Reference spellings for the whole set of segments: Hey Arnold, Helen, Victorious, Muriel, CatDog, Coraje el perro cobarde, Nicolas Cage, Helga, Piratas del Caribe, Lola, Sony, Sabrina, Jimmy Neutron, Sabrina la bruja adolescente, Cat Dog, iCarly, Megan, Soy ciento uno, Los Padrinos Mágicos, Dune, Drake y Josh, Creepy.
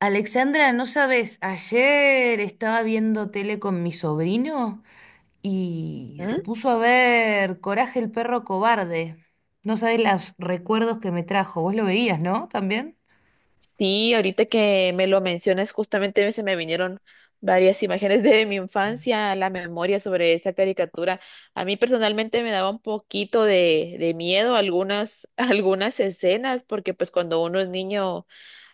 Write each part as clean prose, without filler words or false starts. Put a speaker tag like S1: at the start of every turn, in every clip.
S1: Alexandra, no sabes, ayer estaba viendo tele con mi sobrino y se
S2: ¿Mm?
S1: puso a ver Coraje el perro cobarde. No sabes los recuerdos que me trajo. Vos lo veías, ¿no? También.
S2: Sí, ahorita que me lo mencionas, justamente se me vinieron varias imágenes de mi infancia a la memoria sobre esa caricatura. A mí personalmente me daba un poquito de miedo algunas, algunas escenas, porque pues cuando uno es niño,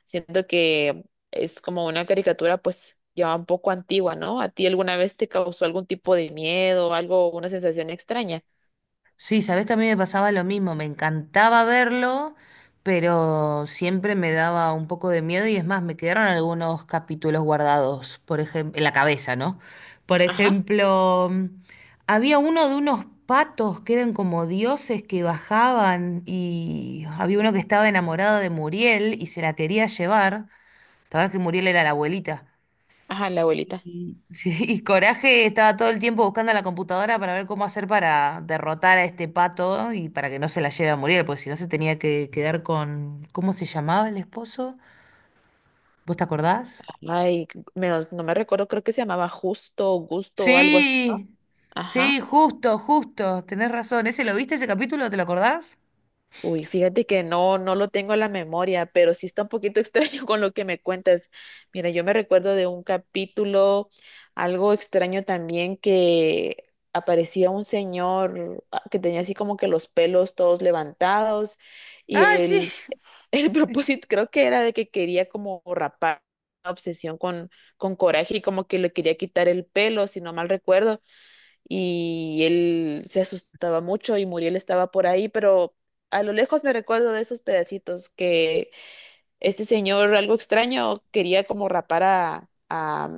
S2: siento que es como una caricatura pues ya un poco antigua, ¿no? ¿A ti alguna vez te causó algún tipo de miedo, algo, una sensación extraña?
S1: Sí, sabés que a mí me pasaba lo mismo, me encantaba verlo, pero siempre me daba un poco de miedo y es más, me quedaron algunos capítulos guardados, por ejemplo, en la cabeza, ¿no? Por
S2: Ajá,
S1: ejemplo, había uno de unos patos que eran como dioses que bajaban y había uno que estaba enamorado de Muriel y se la quería llevar, la verdad que Muriel era la abuelita.
S2: ajá, la abuelita.
S1: Y, sí, y Coraje estaba todo el tiempo buscando la computadora para ver cómo hacer para derrotar a este pato y para que no se la lleve a morir, porque si no se tenía que quedar con... ¿Cómo se llamaba el esposo? ¿Vos te acordás?
S2: Ay, menos, no me recuerdo, creo que se llamaba Justo o Gusto o algo así, ¿no?
S1: Sí, sí,
S2: Ajá.
S1: justo, justo, tenés razón. ¿Ese lo viste, ese capítulo? ¿Te lo acordás?
S2: Uy, fíjate que no, no lo tengo en la memoria, pero sí está un poquito extraño con lo que me cuentas. Mira, yo me recuerdo de un capítulo, algo extraño también, que aparecía un señor que tenía así como que los pelos todos levantados y
S1: Ay, sí.
S2: el, el propósito creo que era de que quería como rapar, una obsesión con coraje y como que le quería quitar el pelo, si no mal recuerdo, y él se asustaba mucho y Muriel estaba por ahí, pero a lo lejos me recuerdo de esos pedacitos que este señor, algo extraño, quería como rapar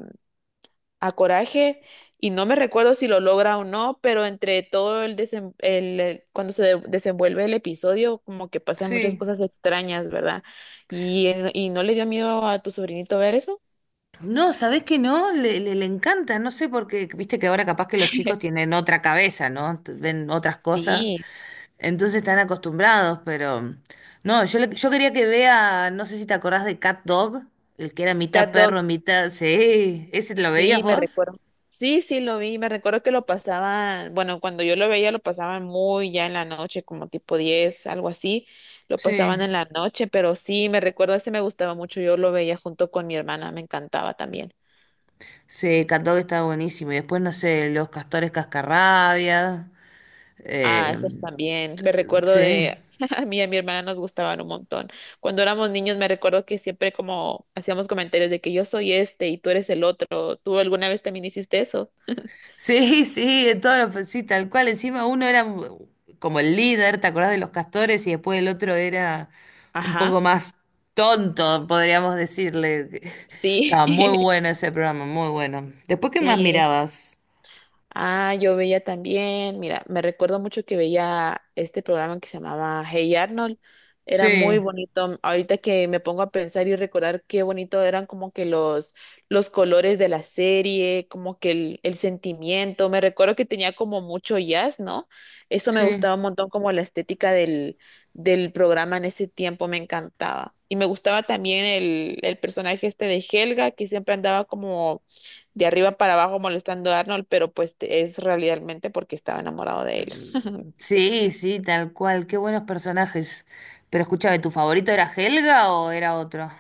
S2: a Coraje y no me recuerdo si lo logra o no, pero entre todo el, desem- el cuando se de- desenvuelve el episodio, como que pasan muchas
S1: Sí.
S2: cosas extrañas, ¿verdad? Y no le dio miedo a tu sobrinito ver eso?
S1: No, ¿sabés que no? Le encanta, no sé, porque viste que ahora capaz que los chicos tienen otra cabeza, ¿no? Ven otras cosas.
S2: Sí.
S1: Entonces están acostumbrados, pero no, yo, yo quería que vea, no sé si te acordás de Cat Dog, el que era mitad
S2: CatDog.
S1: perro, mitad... Sí, ¿ese te lo veías
S2: Sí, me
S1: vos?
S2: recuerdo. Sí, sí, lo vi. Me recuerdo que lo pasaban, bueno, cuando yo lo veía lo pasaban muy ya en la noche, como tipo 10, algo así. Lo
S1: Sí.
S2: pasaban en la noche, pero sí, me recuerdo, ese me gustaba mucho. Yo lo veía junto con mi hermana, me encantaba también.
S1: Sí, Cat Dog estaba buenísimo. Y después, no sé, los castores cascarrabias.
S2: Ah,
S1: eh,
S2: esos también. Me recuerdo
S1: sí.
S2: de, a mí y a mi hermana nos gustaban un montón. Cuando éramos niños me recuerdo que siempre como hacíamos comentarios de que yo soy este y tú eres el otro. ¿Tú alguna vez también hiciste eso?
S1: Sí, sí, en todo, pues sí, tal cual. Encima uno era como el líder, ¿te acordás de los castores? Y después el otro era un
S2: Ajá,
S1: poco más tonto, podríamos decirle.
S2: sí.
S1: Estaba muy bueno ese programa, muy bueno. Después, ¿qué más
S2: Sí.
S1: mirabas?
S2: Ah, yo veía también, mira, me recuerdo mucho que veía este programa que se llamaba Hey Arnold. Era muy
S1: Sí,
S2: bonito. Ahorita que me pongo a pensar y recordar qué bonito eran como que los colores de la serie, como que el sentimiento. Me recuerdo que tenía como mucho jazz, ¿no? Eso me
S1: sí.
S2: gustaba un montón, como la estética del, del programa en ese tiempo me encantaba. Y me gustaba también el personaje este de Helga, que siempre andaba como de arriba para abajo molestando a Arnold, pero pues te- es realmente porque estaba enamorado de él.
S1: Sí, sí, tal cual. Qué buenos personajes. Pero escúchame, ¿tu favorito era Helga o era otro?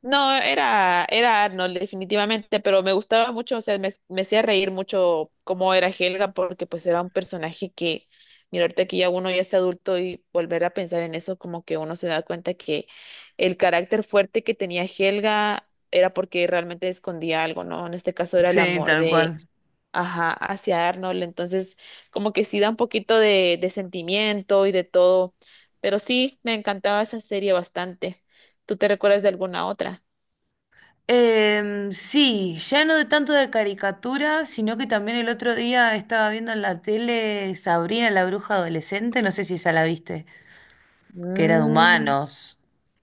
S2: No, era, era Arnold definitivamente, pero me gustaba mucho, o sea, me hacía reír mucho cómo era Helga, porque pues era un personaje que, mira, ahorita que ya uno ya es adulto y volver a pensar en eso, como que uno se da cuenta que el carácter fuerte que tenía Helga era porque realmente escondía algo, ¿no? En este caso era el
S1: Sí,
S2: amor
S1: tal
S2: de,
S1: cual.
S2: ajá, hacia Arnold. Entonces, como que sí da un poquito de sentimiento y de todo. Pero sí, me encantaba esa serie bastante. ¿Tú te recuerdas de alguna otra?
S1: Sí, ya no de tanto de caricatura, sino que también el otro día estaba viendo en la tele Sabrina la bruja adolescente, no sé si esa la viste, que era de
S2: Mm,
S1: humanos.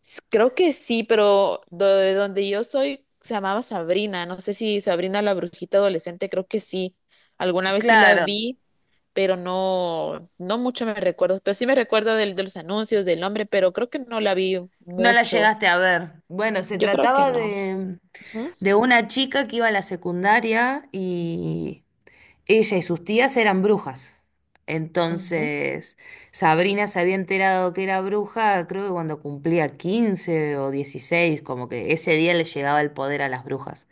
S2: s- creo que sí, pero do- de donde yo soy se llamaba Sabrina. No sé si Sabrina la brujita adolescente, creo que sí. Alguna vez sí la
S1: Claro,
S2: vi, pero no, no mucho me recuerdo. Pero sí me recuerdo del, de los anuncios, del nombre, pero creo que no la vi
S1: no la
S2: mucho.
S1: llegaste a ver. Bueno, se
S2: Yo creo que
S1: trataba
S2: no. Ujú,
S1: de una chica que iba a la secundaria y ella y sus tías eran brujas.
S2: ujú.
S1: Entonces, Sabrina se había enterado que era bruja, creo que cuando cumplía 15 o 16, como que ese día le llegaba el poder a las brujas.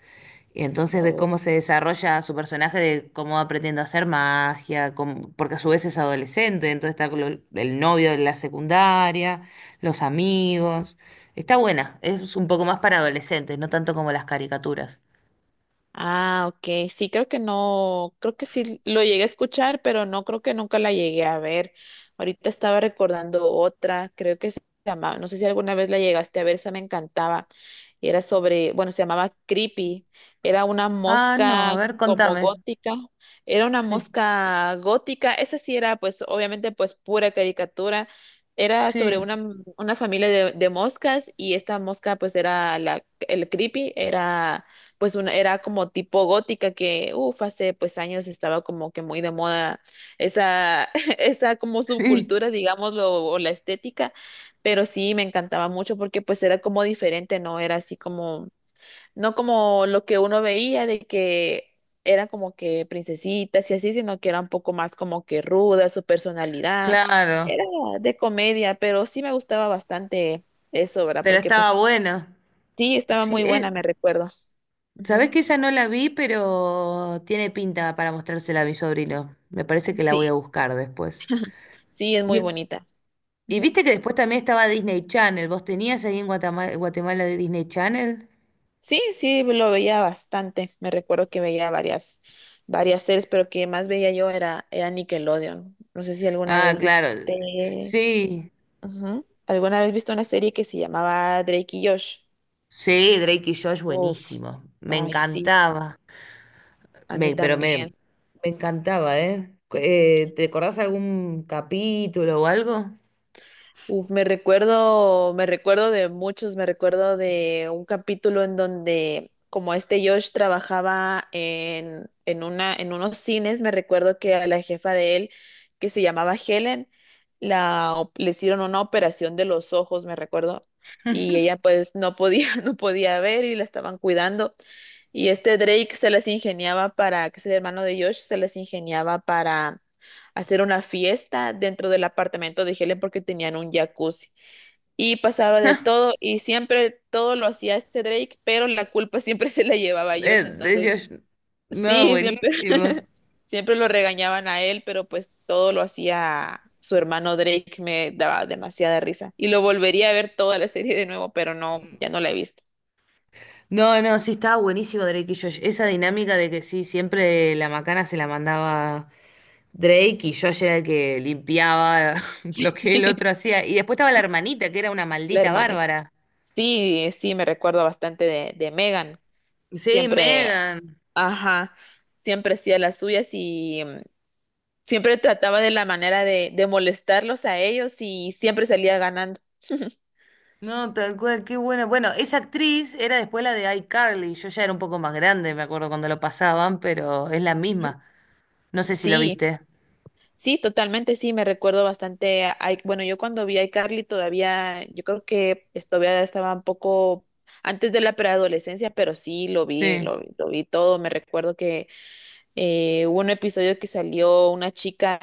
S1: Y entonces ve
S2: Oh.
S1: cómo se desarrolla su personaje de cómo va aprendiendo a hacer magia, porque a su vez es adolescente, entonces está con el novio de la secundaria, los amigos. Está buena, es un poco más para adolescentes, no tanto como las caricaturas.
S2: Ah, ok. Sí, creo que no, creo que sí lo llegué a escuchar, pero no creo que nunca la llegué a ver. Ahorita estaba recordando otra, creo que se llamaba, no sé si alguna vez la llegaste a ver, esa me encantaba. Y era sobre, bueno, se llamaba Creepy. Era una
S1: Ah, no,
S2: mosca
S1: a ver,
S2: como
S1: contame.
S2: gótica. Era una
S1: Sí,
S2: mosca gótica. Esa sí era, pues, obviamente, pues, pura caricatura. Era sobre
S1: sí.
S2: una familia de moscas y esta mosca, pues, era la, el Creepy, era pues una, era como tipo gótica que, uff, hace pues años estaba como que muy de moda esa, esa como
S1: Sí,
S2: subcultura, digámoslo, o la estética, pero sí me encantaba mucho porque pues era como diferente, ¿no? Era así como, no como lo que uno veía de que eran como que princesitas y así, sino que era un poco más como que ruda su personalidad,
S1: claro,
S2: era de comedia, pero sí me gustaba bastante eso, ¿verdad?
S1: pero
S2: Porque
S1: estaba
S2: pues
S1: bueno.
S2: sí, estaba
S1: Sí,
S2: muy buena, me recuerdo.
S1: sabés
S2: Ujú.
S1: que esa no la vi, pero tiene pinta para mostrársela a mi sobrino. Me parece que la voy
S2: Sí.
S1: a buscar después.
S2: Sí, es
S1: Y,
S2: muy bonita.
S1: y
S2: Ujú.
S1: viste que después también estaba Disney Channel. ¿Vos tenías ahí en Guatemala, de Disney Channel?
S2: Sí, sí, lo veía bastante. Me recuerdo que veía varias, varias series, pero que más veía yo era, era Nickelodeon. No sé si alguna
S1: Ah,
S2: vez
S1: claro.
S2: viste,
S1: Sí,
S2: ujú, ¿alguna vez viste una serie que se llamaba Drake y Josh?
S1: sí, Drake y Josh,
S2: Uf,
S1: buenísimo. Me
S2: ay, sí,
S1: encantaba.
S2: a mí
S1: Me, pero me, me
S2: también.
S1: encantaba, ¿eh? ¿Te acordás algún capítulo o algo?
S2: Uf, me recuerdo de muchos, me recuerdo de un capítulo en donde como este Josh trabajaba en una, en unos cines, me recuerdo que a la jefa de él, que se llamaba Helen, la, op- le hicieron una operación de los ojos, me recuerdo, y ella pues no podía, no podía ver y la estaban cuidando. Y este Drake se las ingeniaba para, que es el hermano de Josh, se las ingeniaba para hacer una fiesta dentro del apartamento de Helen porque tenían un jacuzzi. Y pasaba de todo y siempre todo lo hacía este Drake, pero la culpa siempre se la llevaba a Josh.
S1: De
S2: Entonces,
S1: Josh. No,
S2: sí, siempre,
S1: buenísimo.
S2: siempre lo regañaban a él, pero pues todo lo hacía su hermano Drake. Me daba demasiada risa. Y lo volvería a ver toda la serie de nuevo, pero no, ya no la he visto.
S1: No, no, sí, estaba buenísimo Drake y Josh. Esa dinámica de que sí, siempre la macana se la mandaba Drake y Josh era el que limpiaba lo que el otro hacía. Y después estaba la hermanita, que era una
S2: La
S1: maldita
S2: hermanita.
S1: bárbara.
S2: Sí, sí, me recuerdo bastante de Megan.
S1: Sí,
S2: Siempre,
S1: Megan.
S2: ajá, siempre hacía las suyas y siempre trataba de la manera de molestarlos a ellos y siempre salía ganando.
S1: No, tal cual, qué buena. Bueno, esa actriz era después la de iCarly. Yo ya era un poco más grande, me acuerdo cuando lo pasaban, pero es la misma. No sé si lo
S2: Sí,
S1: viste.
S2: sí, totalmente, sí, me recuerdo bastante. A- bueno, yo cuando vi a iCarly todavía, yo creo que es- todavía estaba un poco antes de la preadolescencia, pero sí, lo vi,
S1: Sí.
S2: lo, vi- lo vi todo. Me recuerdo. Hubo un episodio que salió una chica,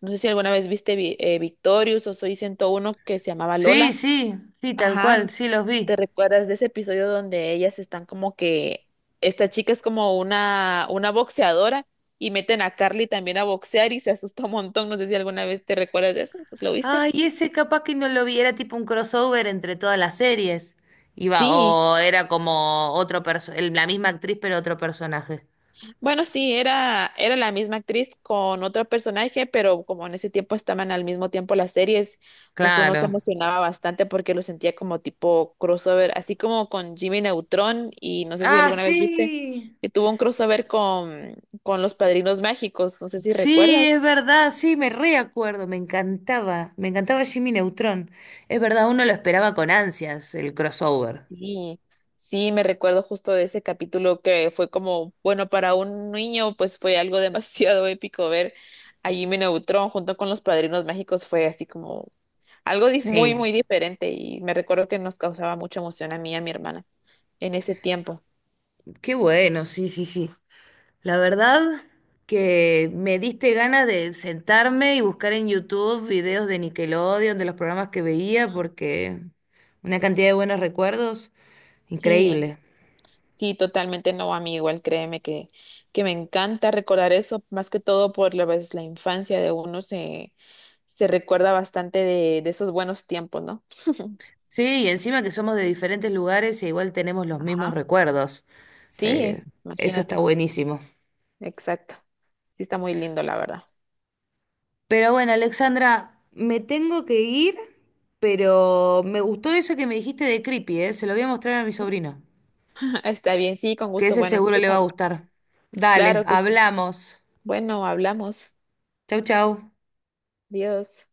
S2: no sé si alguna vez viste Vi- Victorious o Soy 101 que se llamaba
S1: Sí,
S2: Lola.
S1: sí, sí, tal
S2: Ajá,
S1: cual, sí los
S2: ¿te
S1: vi.
S2: recuerdas de ese episodio donde ellas están como que esta chica es como una boxeadora y meten a Carly también a boxear y se asusta un montón? No sé si alguna vez te recuerdas de eso, ¿lo viste?
S1: Ay, ese capaz que no lo vi, era tipo un crossover entre todas las series. Iba,
S2: Sí,
S1: o era como otro la misma actriz, pero otro personaje.
S2: bueno, sí, era, era la misma actriz con otro personaje, pero como en ese tiempo estaban al mismo tiempo las series, pues uno
S1: Claro.
S2: se emocionaba bastante porque lo sentía como tipo crossover, así como con Jimmy Neutron y no sé si
S1: Ah,
S2: alguna vez viste
S1: sí.
S2: que tuvo un crossover con Los Padrinos Mágicos, no sé si
S1: Sí,
S2: recuerdas.
S1: es verdad, sí, me reacuerdo, me encantaba Jimmy Neutron. Es verdad, uno lo esperaba con ansias, el crossover.
S2: Sí, sí, me recuerdo justo de ese capítulo que fue como, bueno, para un niño pues fue algo demasiado épico ver a Jimmy Neutron junto con Los Padrinos Mágicos, fue así como... Algo dif- muy,
S1: Sí,
S2: muy diferente y me recuerdo que nos causaba mucha emoción a mí y a mi hermana en ese tiempo.
S1: qué bueno, sí, sí, sí. La verdad que me diste ganas de sentarme y buscar en YouTube videos de Nickelodeon, de los programas que veía, porque una cantidad de buenos recuerdos,
S2: Sí,
S1: increíble.
S2: sí, totalmente no, a mí igual créeme que me encanta recordar eso, más que todo por la vez la infancia de uno se, se recuerda bastante de esos buenos tiempos, ¿no?
S1: Sí, y encima que somos de diferentes lugares e igual tenemos los mismos
S2: Ajá.
S1: recuerdos. Eh,
S2: Sí,
S1: Eso está
S2: imagínate,
S1: buenísimo.
S2: exacto. Sí está muy lindo, la verdad.
S1: Pero bueno, Alexandra, me tengo que ir, pero me gustó eso que me dijiste de Creepy, ¿eh? Se lo voy a mostrar a mi sobrino,
S2: Está bien, sí, con
S1: que
S2: gusto.
S1: ese
S2: Bueno,
S1: seguro
S2: entonces
S1: le va a gustar.
S2: hablamos.
S1: Dale,
S2: Claro que sí.
S1: hablamos.
S2: Bueno, hablamos.
S1: Chau, chau.
S2: Dios.